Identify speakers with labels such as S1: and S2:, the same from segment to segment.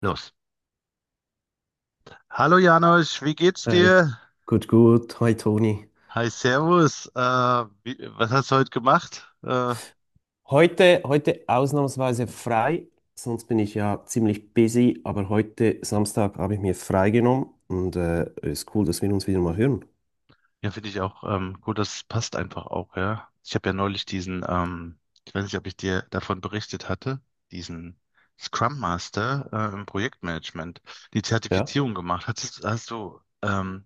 S1: Los. Hallo Janosch, wie geht's
S2: Hi,
S1: dir?
S2: gut, gut. Hi, Toni.
S1: Hi, Servus. Was hast du heute gemacht?
S2: Heute ausnahmsweise frei, sonst bin ich ja ziemlich busy, aber heute Samstag habe ich mir frei genommen und ist cool, dass wir uns wieder mal hören.
S1: Ja, finde ich auch, gut, das passt einfach auch, ja. Ich habe ja neulich diesen, ich weiß nicht, ob ich dir davon berichtet hatte, diesen Scrum Master im Projektmanagement, die
S2: Ja.
S1: Zertifizierung gemacht. Hattest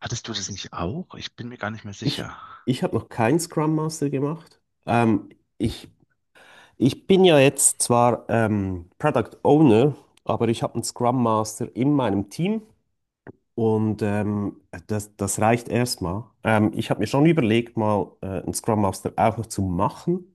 S1: hattest du das nicht auch? Ich bin mir gar nicht mehr
S2: Ich,
S1: sicher.
S2: ich habe noch keinen Scrum Master gemacht. Ähm, ich, ich bin ja jetzt zwar Product Owner, aber ich habe einen Scrum Master in meinem Team und das reicht erstmal. Ich habe mir schon überlegt, mal einen Scrum Master auch noch zu machen.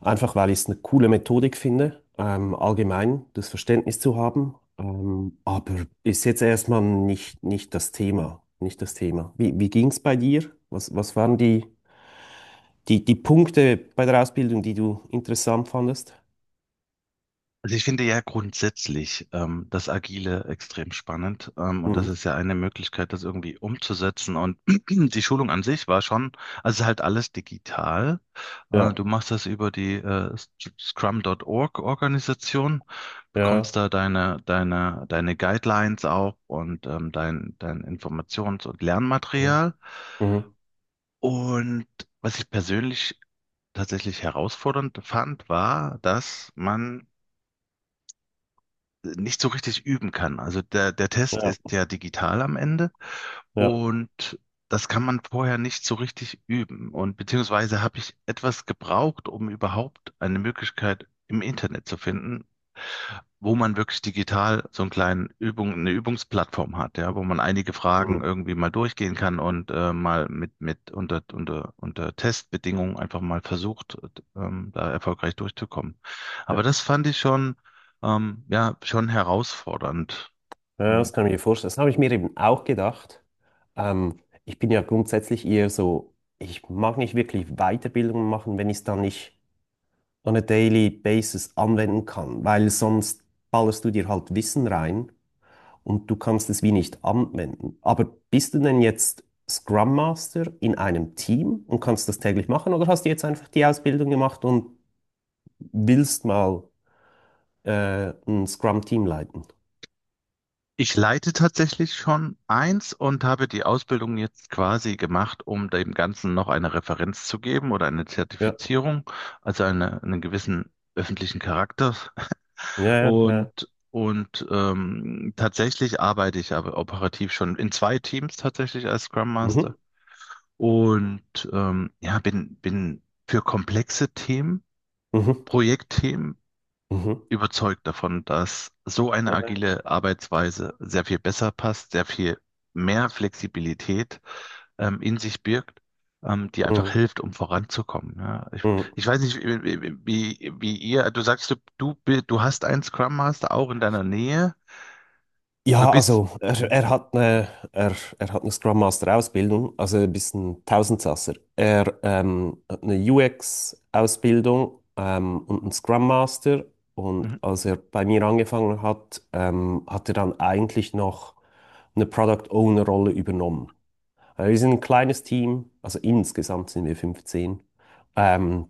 S2: Einfach weil ich es eine coole Methodik finde, allgemein das Verständnis zu haben. Aber ist jetzt erstmal nicht das Thema. Nicht das Thema. Wie ging es bei dir? Was waren die Punkte bei der Ausbildung, die du interessant fandest?
S1: Also ich finde ja grundsätzlich das Agile extrem spannend, und das
S2: Mhm.
S1: ist ja eine Möglichkeit, das irgendwie umzusetzen. Und die Schulung an sich war schon, also es ist halt alles digital. Äh,
S2: Ja,
S1: du machst das über die Scrum.org Organisation, bekommst
S2: ja.
S1: da deine Guidelines auch und, dein Informations- und
S2: Mhm.
S1: Lernmaterial.
S2: Mhm.
S1: Und was ich persönlich tatsächlich herausfordernd fand, war, dass man nicht so richtig üben kann. Also der Test
S2: Ja,
S1: ist ja digital am Ende,
S2: ja.
S1: und das kann man vorher nicht so richtig üben. Und beziehungsweise habe ich etwas gebraucht, um überhaupt eine Möglichkeit im Internet zu finden, wo man wirklich digital so einen kleinen Übung, eine Übungsplattform hat, ja, wo man einige
S2: Mhm.
S1: Fragen irgendwie mal durchgehen kann und mal mit, unter Testbedingungen einfach mal versucht, da erfolgreich durchzukommen.
S2: Ja,
S1: Aber das fand ich schon, ja, schon herausfordernd.
S2: ja, das
S1: Und
S2: kann ich mir vorstellen. Das habe ich mir eben auch gedacht. Ähm, ich bin ja grundsätzlich eher so, ich mag nicht wirklich Weiterbildungen machen, wenn ich es dann nicht on a daily basis anwenden kann, weil sonst ballerst du dir halt Wissen rein und du kannst es wie nicht anwenden. Aber bist du denn jetzt Scrum Master in einem Team und kannst das täglich machen oder hast du jetzt einfach die Ausbildung gemacht und willst mal ein Scrum-Team leiten?
S1: ich leite tatsächlich schon eins und habe die Ausbildung jetzt quasi gemacht, um dem Ganzen noch eine Referenz zu geben oder eine
S2: Ja,
S1: Zertifizierung, also einen gewissen öffentlichen Charakter.
S2: ja, ja, ja.
S1: Und tatsächlich arbeite ich aber operativ schon in zwei Teams tatsächlich als Scrum Master.
S2: Mhm.
S1: Und, ja, bin für komplexe Themen,
S2: Mhm.
S1: Projektthemen
S2: Mhm.
S1: überzeugt davon, dass so eine
S2: Ja.
S1: agile Arbeitsweise sehr viel besser passt, sehr viel mehr Flexibilität in sich birgt, die einfach
S2: Mhm.
S1: hilft, um voranzukommen. Ja. Ich,
S2: Mhm.
S1: ich weiß nicht, wie, wie, wie wie ihr, du sagst, du hast einen Scrum Master auch in deiner Nähe. Du
S2: Ja,
S1: bist.
S2: also er,
S1: Mhm.
S2: er hat eine, er, er hat eine Scrum Master Ausbildung, also ein bisschen Tausendsasser. Er hat eine UX Ausbildung und einen Scrum Master. Und
S1: Mhm.
S2: als er bei mir angefangen hat, hat er dann eigentlich noch eine Product Owner Rolle übernommen. Wir sind ein kleines Team, also insgesamt sind wir 15. Ähm,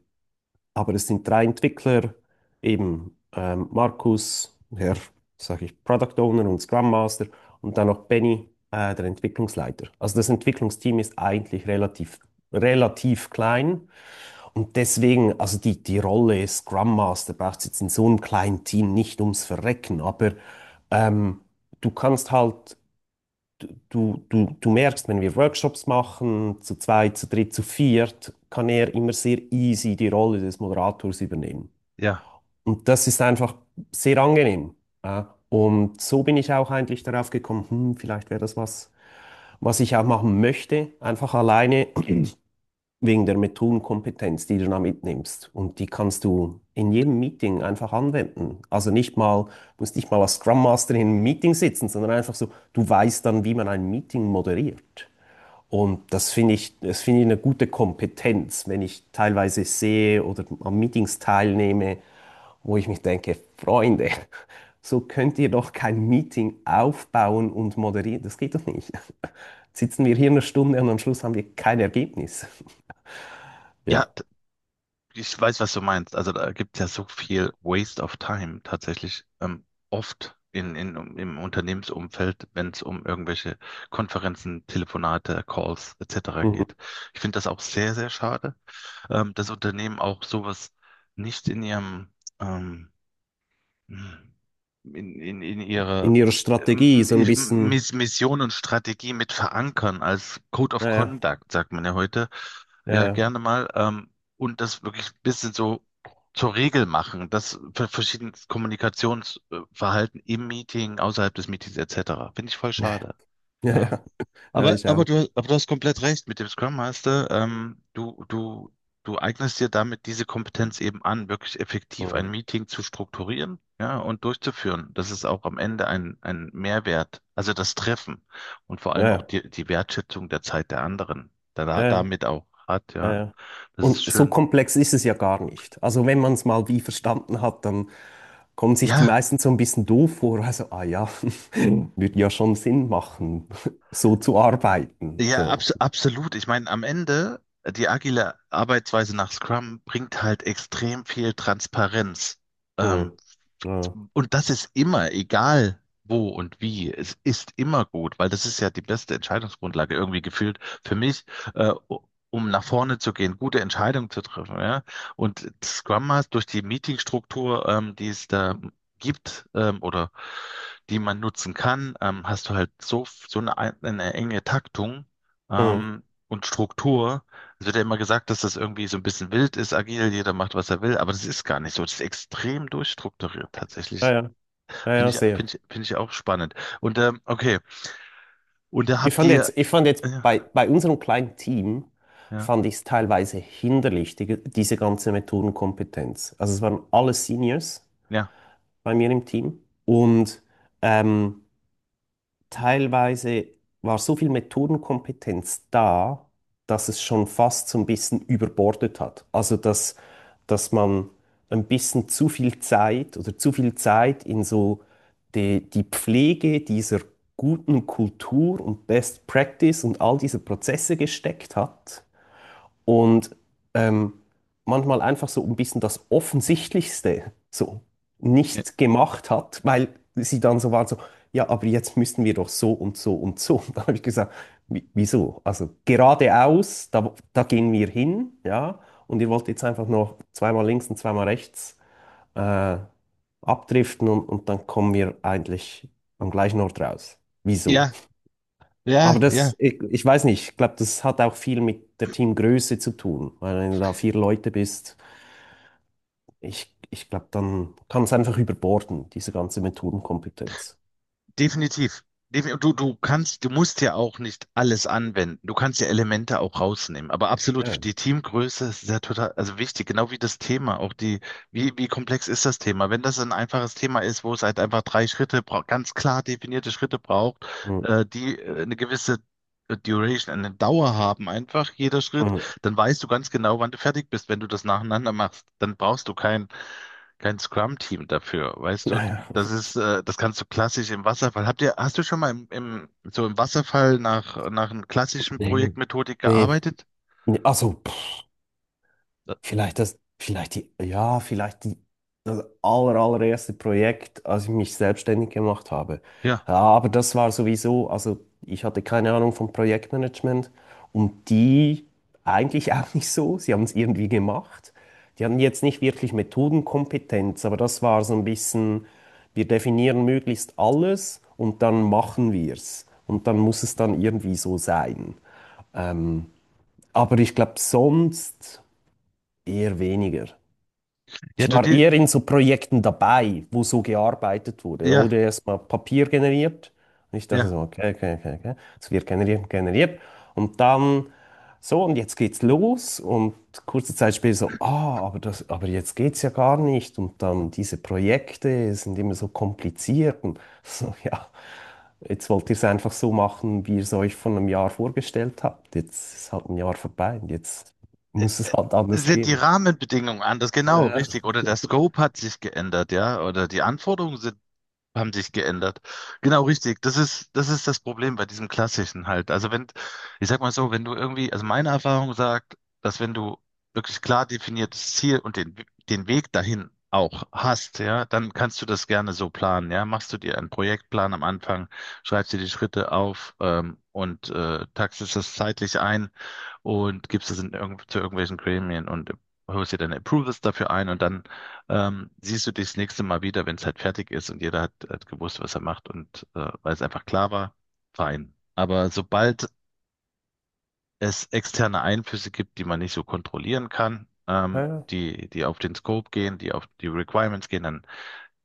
S2: aber es sind drei Entwickler, eben Markus, der, sage ich, Product Owner und Scrum Master und dann noch Benny, der Entwicklungsleiter. Also das Entwicklungsteam ist eigentlich relativ klein und deswegen, also die Rolle Scrum Master braucht es jetzt in so einem kleinen Team nicht ums Verrecken, aber ähm, du kannst halt, du merkst, wenn wir Workshops machen, zu zweit, zu dritt, zu viert, kann er immer sehr easy die Rolle des Moderators übernehmen.
S1: Ja.
S2: Und das ist einfach sehr angenehm. Ja. Und so bin ich auch eigentlich darauf gekommen, vielleicht wäre das was, was ich auch machen möchte, einfach alleine wegen der Methodenkompetenz, die du da mitnimmst. Und die kannst du in jedem Meeting einfach anwenden. Also nicht mal, musst nicht mal als Scrum Master in einem Meeting sitzen, sondern einfach so, du weißt dann, wie man ein Meeting moderiert. Und das finde ich eine gute Kompetenz, wenn ich teilweise sehe oder an Meetings teilnehme, wo ich mich denke, Freunde, so könnt ihr doch kein Meeting aufbauen und moderieren. Das geht doch nicht. sitzen wir hier eine Stunde und am Schluss haben wir kein Ergebnis.
S1: Ja,
S2: Ja.
S1: t- ich weiß, was du meinst. Also da gibt es ja so viel Waste of Time tatsächlich. Oft im Unternehmensumfeld, wenn es um irgendwelche Konferenzen, Telefonate, Calls etc. geht.
S2: Mhm.
S1: Ich finde das auch sehr, sehr schade, dass Unternehmen auch sowas nicht ähm, in ihre
S2: In ihrer Strategie
S1: ähm,
S2: so ein bisschen.
S1: Mission und Strategie mit verankern als Code of
S2: Ja, ja,
S1: Conduct, sagt man ja heute. Ja,
S2: ja,
S1: gerne mal. Und das wirklich ein bisschen so zur Regel machen, das für verschiedenes Kommunikationsverhalten im Meeting, außerhalb des Meetings etc. Finde ich voll
S2: ja,
S1: schade.
S2: ja,
S1: Ja.
S2: ja, ja,
S1: Aber,
S2: ich
S1: aber
S2: auch.
S1: du, aber du hast komplett recht mit dem Scrum Master. Du eignest dir damit diese Kompetenz eben an, wirklich effektiv
S2: Mhm.
S1: ein Meeting zu strukturieren, ja, und durchzuführen. Das ist auch am Ende ein Mehrwert. Also das Treffen und vor
S2: Ja,
S1: allem auch
S2: ja,
S1: die Wertschätzung der Zeit der anderen, da
S2: ja,
S1: damit auch hat,
S2: ja,
S1: ja.
S2: ja.
S1: Das ist
S2: Und so
S1: schön.
S2: komplex ist es ja gar nicht. Also wenn man es mal wie verstanden hat, dann kommen sich die
S1: Ja,
S2: meisten so ein bisschen doof vor. Also, ah ja, würde ja schon Sinn machen, so zu arbeiten.
S1: ja,
S2: So.
S1: absolut. Ich meine, am Ende, die agile Arbeitsweise nach Scrum bringt halt extrem viel Transparenz. Ähm,
S2: Mhm. Ja.
S1: Und das ist immer, egal wo und wie, es ist immer gut, weil das ist ja die beste Entscheidungsgrundlage irgendwie gefühlt für mich, äh, um nach vorne zu gehen, gute Entscheidungen zu treffen, ja. Und Scrum Master durch die Meetingstruktur, die es da gibt, oder die man nutzen kann, hast du halt so eine, enge Taktung,
S2: Mhm.
S1: und Struktur. Es wird ja immer gesagt, dass das irgendwie so ein bisschen wild ist, agil, jeder macht, was er will, aber das ist gar nicht so. Das ist extrem durchstrukturiert
S2: Ja,
S1: tatsächlich.
S2: ja, ja, ja, sehr.
S1: Finde ich auch spannend. Und, okay, und da
S2: Ich
S1: habt
S2: fand
S1: ihr,
S2: jetzt, ich fand jetzt
S1: ja,
S2: bei bei unserem kleinen Team,
S1: ja,
S2: fand ich es teilweise hinderlich, diese ganze Methodenkompetenz. Also es waren alle Seniors
S1: ja,
S2: bei mir im Team und ähm, teilweise war so viel Methodenkompetenz da, dass es schon fast so ein bisschen überbordet hat. Also dass man ein bisschen zu viel Zeit oder zu viel Zeit in so die Pflege dieser guten Kultur und Best Practice und all diese Prozesse gesteckt hat und ähm, manchmal einfach so ein bisschen das Offensichtlichste so
S1: ja,
S2: nicht gemacht hat, weil sie dann so waren so, ja, aber jetzt müssten wir doch so und so und so. Und dann habe ich gesagt, wieso? Also geradeaus, da gehen wir hin, ja, und ihr wollt jetzt einfach noch zweimal links und zweimal rechts äh, abdriften und dann kommen wir eigentlich am gleichen Ort raus. Wieso?
S1: ja, ja,
S2: Aber
S1: ja.
S2: ich weiß nicht, ich glaube, das hat auch viel mit der Teamgröße zu tun. Weil wenn du da vier Leute bist, ich glaube, dann kann es einfach überborden, diese ganze Methodenkompetenz.
S1: Definitiv. Du musst ja auch nicht alles anwenden. Du kannst ja Elemente auch rausnehmen. Aber
S2: Ja.
S1: absolut, die Teamgröße ist ja total, also wichtig, genau wie das Thema. Wie komplex ist das Thema? Wenn das ein einfaches Thema ist, wo es halt einfach drei Schritte braucht, ganz klar definierte Schritte braucht,
S2: Mm,
S1: die, eine gewisse, Duration, eine Dauer haben, einfach jeder Schritt,
S2: mm.
S1: dann weißt du ganz genau, wann du fertig bist, wenn du das nacheinander machst. Dann brauchst du kein Scrum-Team dafür, weißt du?
S2: Ja, ja.
S1: Das kannst du klassisch im Wasserfall. Hast du schon mal so im Wasserfall nach einer klassischen
S2: Nee,
S1: Projektmethodik
S2: nee.
S1: gearbeitet?
S2: Nee, also, pff, ja, vielleicht die allererste Projekt, als ich mich selbstständig gemacht habe.
S1: Ja,
S2: Ja, aber das war sowieso, also ich hatte keine Ahnung vom Projektmanagement und die eigentlich auch nicht so. Sie haben es irgendwie gemacht. Die hatten jetzt nicht wirklich Methodenkompetenz, aber das war so ein bisschen, wir definieren möglichst alles und dann machen wir es. Und dann muss es dann irgendwie so sein. Ähm, aber ich glaube, sonst eher weniger.
S1: ja,
S2: Ich
S1: du,
S2: war
S1: die,
S2: eher in so Projekten dabei, wo so gearbeitet wurde. Da wurde
S1: ja,
S2: erstmal Papier generiert. Und ich dachte
S1: ja.
S2: so, okay, okay, okay, okay. Es wird generiert, generiert. Und dann so, und jetzt geht's los. Und kurze Zeit später so, ah, aber jetzt geht's ja gar nicht. Und dann diese Projekte sind immer so kompliziert. Und so, ja, jetzt wollt ihr es einfach so machen, wie ihr es euch von einem Jahr vorgestellt habt. Jetzt ist halt ein Jahr vorbei und jetzt
S1: Äh,
S2: muss es halt anders
S1: Sind die
S2: gehen.
S1: Rahmenbedingungen anders? Genau,
S2: Ja,
S1: richtig. Oder der Scope hat sich geändert, ja? Oder die Anforderungen sind haben sich geändert. Genau, richtig. Das ist, das Problem bei diesem Klassischen halt. Also wenn, ich sag mal so, wenn du irgendwie, also meine Erfahrung sagt, dass wenn du wirklich klar definiertes Ziel und den Weg dahin auch hast, ja, dann kannst du das gerne so planen, ja. Machst du dir einen Projektplan am Anfang, schreibst dir die Schritte auf, und taxest das zeitlich ein und gibst es in irgend zu irgendwelchen Gremien und holst dir deine Approvals dafür ein und dann siehst du dich das nächste Mal wieder, wenn es halt fertig ist und hat gewusst, was er macht und, weil es einfach klar war, fein. Aber sobald es externe Einflüsse gibt, die man nicht so kontrollieren kann,
S2: ja, ja,
S1: die auf den Scope gehen, die auf die Requirements gehen, dann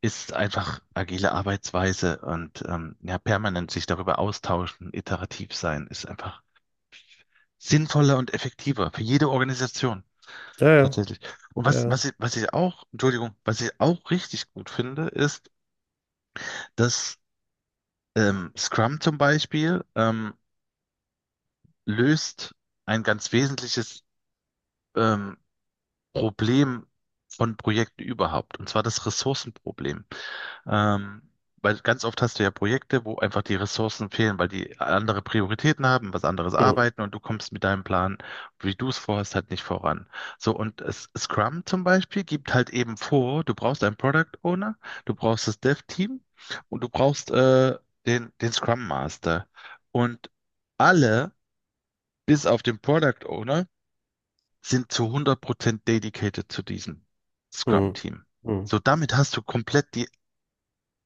S1: ist einfach agile Arbeitsweise und, ja, permanent sich darüber austauschen, iterativ sein, ist einfach sinnvoller und effektiver für jede Organisation.
S2: ja.
S1: Tatsächlich. Und was,
S2: Ja.
S1: Entschuldigung, was ich auch richtig gut finde, ist, dass Scrum zum Beispiel, löst ein ganz wesentliches, ähm, Problem von Projekten überhaupt, und zwar das Ressourcenproblem. Ähm, weil ganz oft hast du ja Projekte, wo einfach die Ressourcen fehlen, weil die andere Prioritäten haben, was anderes
S2: Hm,
S1: arbeiten, und du kommst mit deinem Plan, wie du es vorhast, halt nicht voran. So, und Scrum zum Beispiel gibt halt eben vor, du brauchst einen Product Owner, du brauchst das Dev-Team und du brauchst, den Scrum Master. Und alle, bis auf den Product Owner, sind zu 100% dedicated zu diesem
S2: hm,
S1: Scrum-Team.
S2: hm.
S1: So, damit hast du komplett die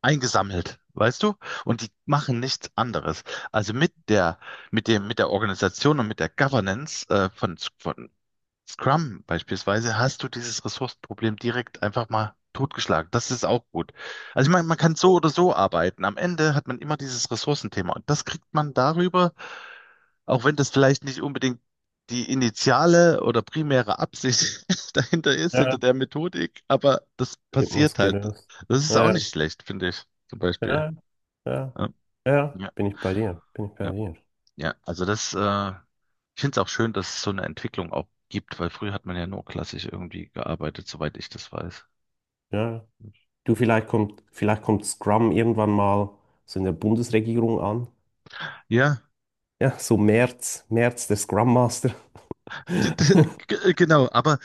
S1: eingesammelt, weißt du? Und die machen nichts anderes. Also mit der, mit der Organisation und mit der Governance, von Scrum beispielsweise hast du dieses Ressourcenproblem direkt einfach mal totgeschlagen. Das ist auch gut. Also ich meine, man kann so oder so arbeiten. Am Ende hat man immer dieses Ressourcenthema und das kriegt man darüber, auch wenn das vielleicht nicht unbedingt die initiale oder primäre Absicht dahinter ist, hinter
S2: Ja,
S1: der Methodik, aber das passiert
S2: gibt
S1: halt.
S2: gelöst.
S1: Das ist auch
S2: Ja,
S1: nicht schlecht, finde ich, zum Beispiel.
S2: ja, ja,
S1: Ja,
S2: ja,
S1: ja,
S2: bin ich bei dir, bin ich bei
S1: ja.
S2: dir.
S1: Ja. Also ich finde es auch schön, dass es so eine Entwicklung auch gibt, weil früher hat man ja nur klassisch irgendwie gearbeitet, soweit ich das weiß.
S2: Ja, du, vielleicht kommt Scrum irgendwann mal so in der Bundesregierung an.
S1: Ja,
S2: Ja, so März, März, der Scrum Master.
S1: d- d- genau, aber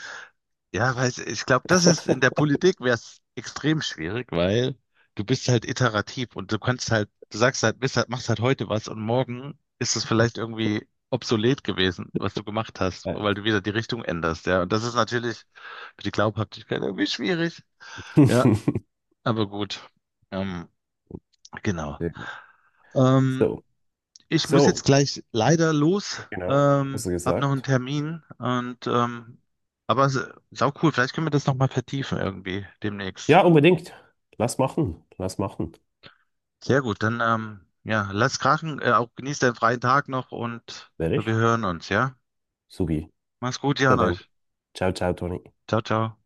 S1: ja, ich glaube, das ist in der Politik wäre es extrem schwierig, weil du bist halt iterativ und du kannst halt, du sagst halt, bist halt, machst halt heute was und morgen ist es vielleicht irgendwie obsolet gewesen, was du gemacht hast,
S2: Ja.
S1: weil du wieder die Richtung änderst, ja. Und das ist natürlich für die Glaubhaftigkeit irgendwie schwierig. Ja. Aber gut, ähm, genau. Ähm,
S2: So,
S1: ich muss
S2: so,
S1: jetzt gleich leider los,
S2: genau, hast du
S1: habe noch einen
S2: gesagt.
S1: Termin und, aber sau cool, vielleicht können wir das nochmal vertiefen irgendwie demnächst.
S2: Ja, unbedingt. Lass machen, lass machen.
S1: Sehr gut, dann, ja, lass krachen, auch genieß deinen freien Tag noch und
S2: Werde
S1: wir
S2: ich?
S1: hören uns, ja?
S2: Subi.
S1: Mach's gut,
S2: So
S1: Jan
S2: denn.
S1: euch.
S2: Ciao, ciao, Toni.
S1: Ciao, ciao.